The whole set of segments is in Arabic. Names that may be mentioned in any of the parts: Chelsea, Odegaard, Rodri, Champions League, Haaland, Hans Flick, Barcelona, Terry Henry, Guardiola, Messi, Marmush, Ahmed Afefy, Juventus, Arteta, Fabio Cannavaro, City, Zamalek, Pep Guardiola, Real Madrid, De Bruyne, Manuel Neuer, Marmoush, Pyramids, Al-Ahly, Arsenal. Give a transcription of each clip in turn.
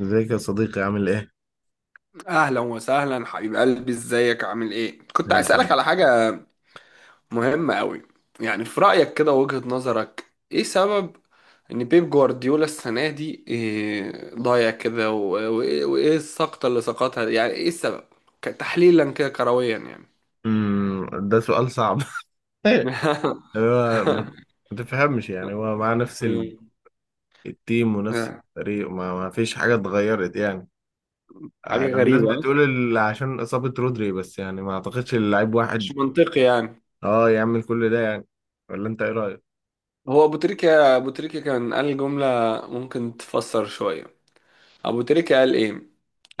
ازيك يا صديقي عامل ايه؟ اهلا وسهلا حبيب قلبي، ازيك عامل ايه؟ كنت عايز اسالك الحمد. على حاجه مهمه قوي. يعني في رايك، كده وجهة نظرك ايه سبب ان بيب جوارديولا السنه دي إيه ضايع كده وايه السقطه اللي سقطها دي؟ يعني ايه السبب، تحليلا كده كرويا يعني؟ ده سؤال صعب. هو ما تفهمش، يعني هو مع نفس مم. التيم ونفس الفريق، ما فيش حاجة اتغيرت يعني. آه، حاجه الناس غريبه، بتقول عشان إصابة رودري، بس يعني ما اعتقدش اللعيب مش واحد منطقي يعني. اه يعمل كل ده يعني. ولا انت ايه رأيك؟ هو ابو تريكه ابو تريكه كان قال جمله ممكن تفسر شويه. ابو تريكه قال ايه؟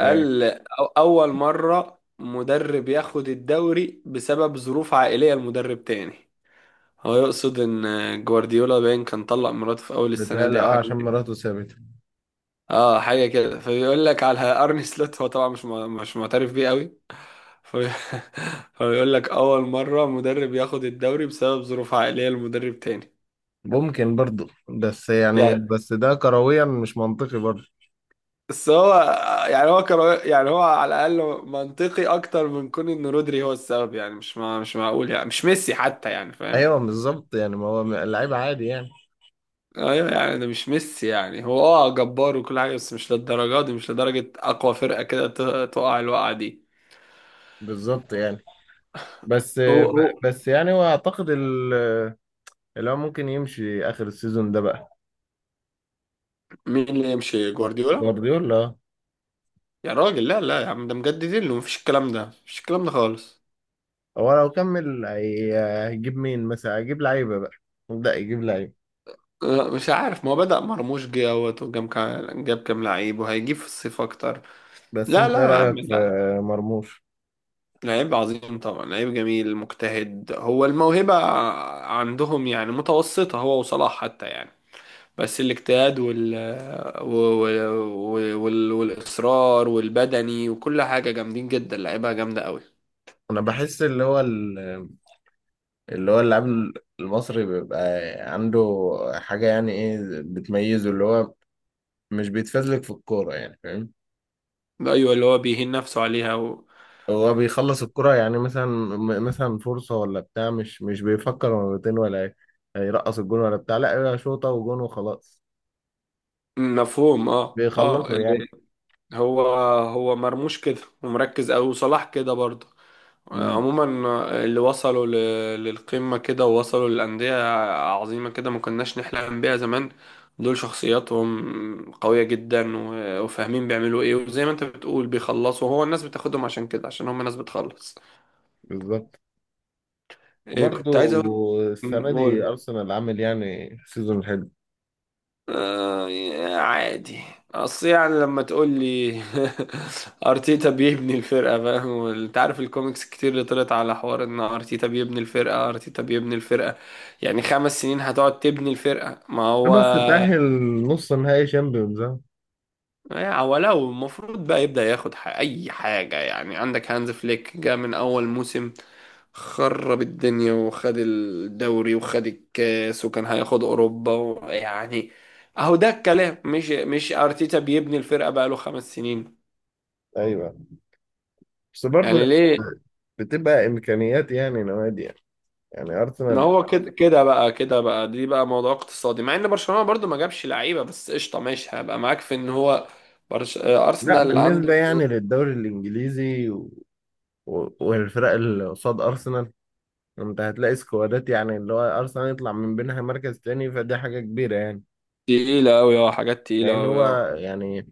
ايه، أول مرة مدرب ياخد الدوري بسبب ظروف عائلية لمدرب تاني. هو يقصد إن جوارديولا باين كان طلق مراته في أول السنة بيتهيألي دي أو اه حاجة عشان كده. مراته سابته. اه، حاجة كده، فبيقول لك على أرني سلوت. هو طبعا مش معترف بيه قوي، فبي- فبيقول لك أول مرة مدرب ياخد الدوري بسبب ظروف عائلية لمدرب تاني، ممكن برضه، بس يعني يعني. بس ده كرويا مش منطقي برضه. بس هو يعني هو كان يعني هو على الأقل منطقي أكتر من كون إن رودري هو السبب. يعني مش معقول يعني، مش ميسي حتى، يعني فاهم؟ ايوه بالظبط، يعني ما هو اللعيب عادي يعني. ايوه، يعني ده مش ميسي. يعني هو اه جبار وكل حاجه، بس مش للدرجه دي، مش لدرجه اقوى فرقه كده تقع الوقعه دي. بالظبط يعني. بس هو هو بس يعني هو اعتقد اللي هو ممكن يمشي اخر السيزون ده بقى. مين اللي يمشي جوارديولا؟ جوارديولا، يا راجل، لا لا يا عم، ده مجددين له، مفيش الكلام ده، مفيش الكلام ده خالص. هو لو كمل هيجيب مين؟ مثلا هيجيب لعيبه بقى، يبدا يجيب لعيبه. لا، مش عارف، ما هو بدأ مرموش جه اهوت، وجاب كام، جاب كام لعيب، وهيجيب في الصيف اكتر. بس لا انت ايه لا يا عم، رايك في لا. مرموش؟ لعيب عظيم طبعا، لعيب جميل مجتهد. هو الموهبة عندهم يعني متوسطة، هو وصلاح حتى يعني. بس الاجتهاد وال... والإصرار والبدني وكل حاجة جامدين جدا، لعيبة جامدة قوي. انا بحس اللي هو اللاعب المصري بيبقى عنده حاجه يعني، ايه بتميزه؟ اللي هو مش بيتفزلك في الكوره يعني، فاهم؟ أيوة، اللي هو بيهين نفسه عليها هو بيخلص الكرة، يعني مثلا مثلا فرصة ولا بتاع، مش بيفكر مرتين ولا ايه هيرقص الجون ولا بتاع، لا هي شوطة وجون وخلاص. مفهوم، اه اه، بيخلصوا يعني. اللي هو هو مرموش كده، ومركز قوي، وصلاح كده برضه. امم عموما، اللي وصلوا للقمة كده، ووصلوا للأندية عظيمة كده ما كناش نحلم بيها زمان، دول شخصياتهم قوية جدا وفاهمين بيعملوا ايه، وزي ما انت بتقول بيخلصوا. هو الناس بتاخدهم عشان كده، عشان هم ناس بتخلص. بالظبط. إيه، وبرضه كنت عايز اقول. السنة دي قول. أرسنال عامل يعني سيزون حلو، آه، عادي. اصل يعني لما تقول لي ارتيتا بيبني الفرقه، فاهم؟ انت عارف الكوميكس كتير اللي طلعت على حوار ان ارتيتا بيبني الفرقه، ارتيتا بيبني الفرقه. يعني 5 سنين هتقعد تبني الفرقه؟ ما هو بس تأهل نص نهائي شامبيونز آه. يعني، ولو المفروض بقى يبدأ ياخد أي حاجة. يعني عندك هانز فليك، جه من أول موسم خرب الدنيا وخد الدوري وخد الكاس وكان هياخد أوروبا يعني، أهو ده الكلام. مش أرتيتا بيبني الفرقة بقاله 5 سنين أيوه، بس برضه يعني ليه؟ بتبقى إمكانيات يعني نوادي، يعني يعني ما أرسنال، هو كده كده بقى، كده بقى دي بقى موضوع اقتصادي. مع إن برشلونة برضو ما جابش لعيبة، بس قشطة ماشي، هبقى معاك في إن هو برش... آه، لا أرسنال بالنسبة عنده يعني للدوري الإنجليزي و، والفرق اللي قصاد أرسنال، انت هتلاقي سكوادات، يعني اللي هو ارسنال يطلع من بينها مركز تاني فدي حاجه كبيره يعني. تقيلة أوي، أه، حاجات تقيلة لان أوي، هو أه. يعني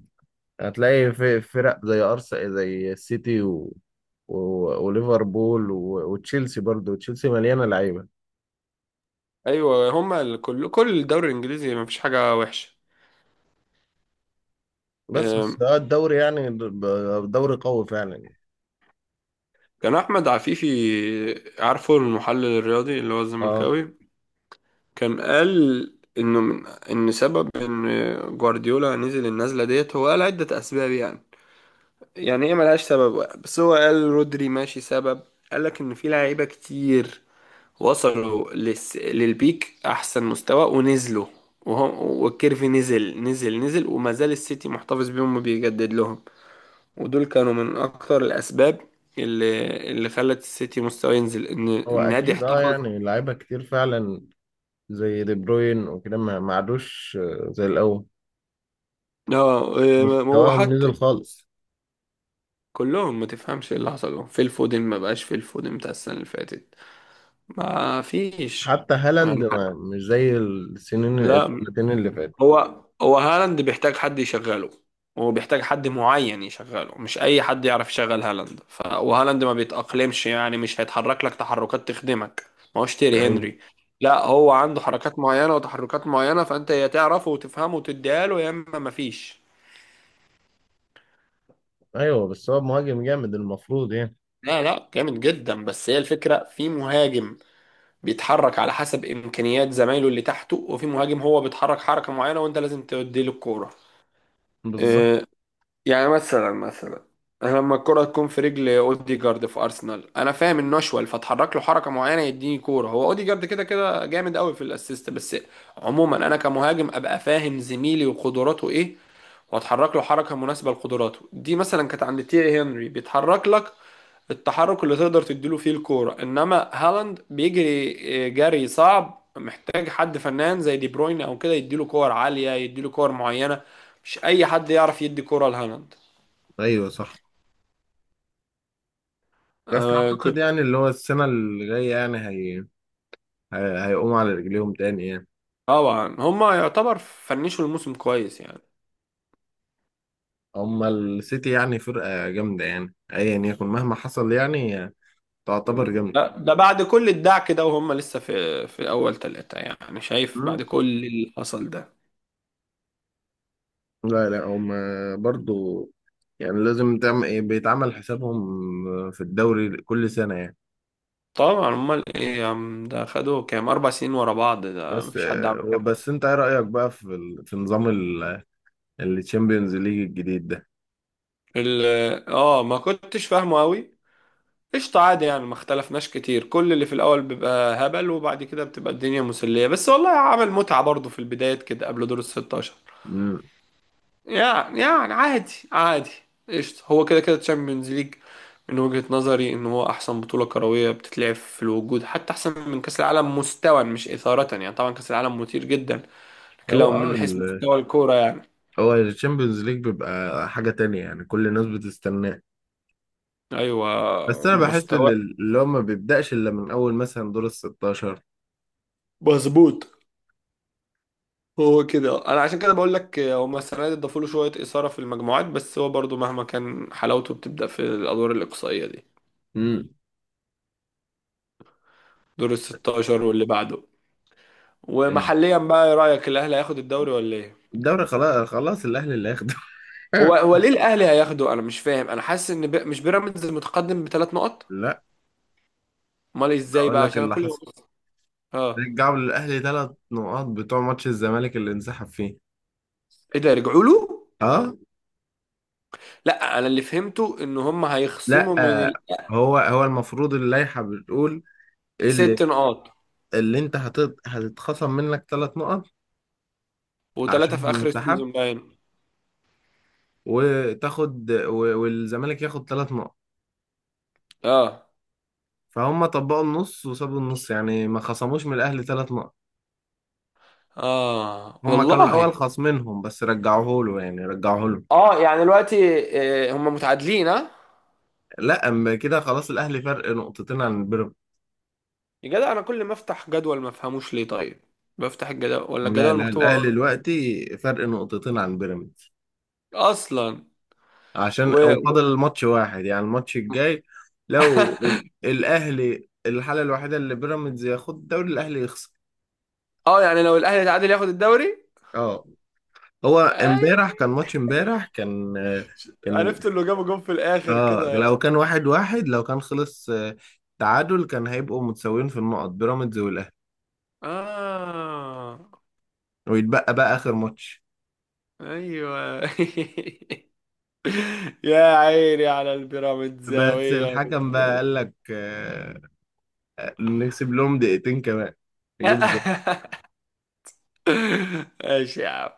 هتلاقي في فرق زي ارسنال، زي السيتي و... وليفربول وتشيلسي، برضو تشيلسي مليانه لعيبه. ايوه، هما كل الدوري الانجليزي ما فيش حاجه وحشه. بس أم، ده الدوري يعني، دوري قوي فعلا. كان احمد عفيفي، عارفه المحلل الرياضي اللي هو اه الزملكاوي، كان قال انه من ان سبب ان جوارديولا نزل النزله ديت، هو قال عده اسباب يعني ايه، ملهاش سبب واحد، بس هو قال رودري ماشي سبب. قال لك ان في لعيبه كتير وصلوا للبيك احسن مستوى ونزلوا، وهم والكيرف نزل نزل نزل، وما زال السيتي محتفظ بيهم وبيجدد لهم. ودول كانوا من اكتر الاسباب اللي خلت السيتي مستواه ينزل، ان هو النادي اكيد اه، احتفظ. يعني لعيبه كتير فعلا زي دي بروين وكده، ما عادوش آه، زي الاول. اه، إيه، مستواهم نزل وحتى خالص. كلهم ما تفهمش ايه اللي حصل لهم في الفودن. ما بقاش في الفودن بتاع السنه اللي فاتت، ما فيش حتى هالاند يعني. ما، مش زي السنين لا، السنتين اللي فاتت. هو هو هالاند بيحتاج حد يشغله. هو بيحتاج حد معين يشغله، مش اي حد يعرف يشغل هالاند. وهالاند ما بيتأقلمش يعني، مش هيتحرك لك تحركات تخدمك، ما هوش تيري ايوه، هنري. لا، هو عنده حركات معينة وتحركات معينة، فانت يا تعرفه وتفهمه وتديها له، يا اما ما فيش. ايوه، بس هو مهاجم جامد المفروض يعني. لا لا، جامد جدا، بس هي الفكرة في مهاجم بيتحرك على حسب امكانيات زمايله اللي تحته، وفي مهاجم هو بيتحرك حركة معينة وانت لازم تديله الكورة. بالظبط. يعني مثلا أنا لما الكرة تكون في رجل اوديجارد في ارسنال، انا فاهم انه اشول فاتحرك له حركه معينه يديني كوره. هو اوديجارد كده كده جامد قوي في الاسيست. بس عموما انا كمهاجم ابقى فاهم زميلي وقدراته ايه، واتحرك له حركه مناسبه لقدراته دي. مثلا كانت عند تيري هنري، بيتحرك لك التحرك اللي تقدر تديله فيه الكوره. انما هالاند بيجري، جري صعب، محتاج حد فنان زي دي بروين او كده يديله كور عاليه، يديله كور معينه. مش اي حد يعرف يدي كوره لهالاند. ايوه صح، بس آه اعتقد كنت. يعني اللي هو السنه اللي جايه يعني هيقوموا على رجليهم تاني يعني. طبعا هما يعتبر فنشوا الموسم كويس يعني. اما السيتي يعني فرقه جامده، يعني ايا يكن مهما حصل يعني تعتبر جامده. ده بعد كل الدعك ده وهم لسه في في اول ثلاثة، يعني شايف مم. بعد كل اللي حصل ده. لا لا، هم برضو يعني لازم بيتعمل حسابهم في الدوري كل سنه يعني. طبعا امال ايه يا عم؟ ده خدوا كام، 4 سنين ورا بعض، ده بس مفيش حد عمل كده. بس انت ايه رايك بقى في نظام الشامبيونز ليج الجديد ده؟ ما كنتش فاهمه قوي. قشطة، عادي يعني، ما اختلفناش كتير. كل اللي في الاول بيبقى هبل، وبعد كده بتبقى الدنيا مسلية. بس والله عمل متعة برضه في البداية كده، قبل دور ال 16. مم. عادي عادي، قشطة. هو كده كده تشامبيونز ليج من وجهة نظري ان هو احسن بطولة كروية بتتلعب في الوجود، حتى احسن من كأس العالم مستوى، مش إثارة يعني. طبعا كأس العالم مثير جدا، لكن هو لو من حيث اه مستوى الكورة يعني. هو الشامبيونز ليج بيبقى حاجة تانية، يعني كل الناس بتستناه. ايوه، بس أنا بحس إن مستوى اللي هو ما بيبدأش إلا من أول مثلا دور ال 16. مظبوط. هو كده، انا عشان كده بقول لك هما السنة دي ضافوا له شوية إثارة في المجموعات، بس هو برضو مهما كان حلاوته بتبدأ في الأدوار الإقصائية دي، امم دور ال 16 واللي بعده. ومحليا بقى، ايه رأيك؟ الاهلي هياخد الدوري ولا ايه؟ الدوري خلاص خلاص الأهلي اللي هياخده. هو هو ليه الاهلي هياخده؟ انا مش فاهم، انا حاسس ان مش بيراميدز المتقدم ب3 نقط. لا، امال ازاي بقول بقى؟ لك عشان أنا اللي كل يوم حصل: ببص. اه، رجعوا للأهلي 3 نقاط بتوع ماتش الزمالك اللي انسحب فيه. ايه ده، رجعوا له؟ أه، لا، انا اللي فهمته ان هم لا هيخصموا من آه، هو المفروض اللائحة بتقول اللي 6 نقاط اللي أنت هتتخصم منك 3 نقط و3 عشان في اخر انسحب، السيزون باين. وتاخد، والزمالك ياخد 3 نقط. اه. فهم طبقوا النص وسابوا النص، يعني ما خصموش من الاهلي 3 نقط. اه هم كانوا والله. الاول خاصمينهم بس رجعوه له، يعني رجعوه له. اه، يعني دلوقتي هم متعادلين، ها. لا اما كده خلاص الاهلي فرق نقطتين عن بيراميدز. يا جدع، انا كل ما افتح جدول ما افهموش ليه، طيب. بفتح الجدول ولا لا الجدول لا، مكتوبه الاهلي غلط دلوقتي فرق نقطتين عن بيراميدز، اصلا؟ عشان و... و... وفاضل الماتش واحد يعني، الماتش الجاي. لو الاهلي، الحاله الوحيده اللي بيراميدز ياخد الدوري، الاهلي يخسر. اه، يعني لو الاهلي تعادل ياخد الدوري. اه، هو آه، امبارح كان ماتش، امبارح كان عرفت اللي جابوا جون في الاخر اه كده. لو كان واحد واحد، لو كان خلص آه، تعادل، كان هيبقوا متساويين في النقط، بيراميدز والاهلي، اه، ويتبقى بقى اخر ماتش. ايوه. يا عيني على بس البيراميدزاوية. الحكم بقى قال لك، نكسب لهم دقيقتين كمان يجيبوا جول. ماشي يا عم،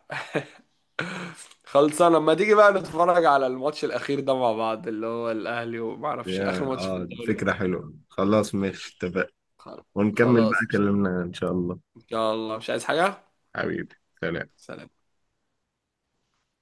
خلصانه. لما تيجي بقى نتفرج على الماتش الاخير ده مع بعض، اللي هو الاهلي وما اعرفش اخر يا، ماتش في فكرة الدوري. حلوة، خلاص ماشي اتفقنا، خلاص. ونكمل بقى خلاص، كلامنا ان شاء الله. ان شاء الله. مش عايز حاجه. حبيبي، سلام. سلام.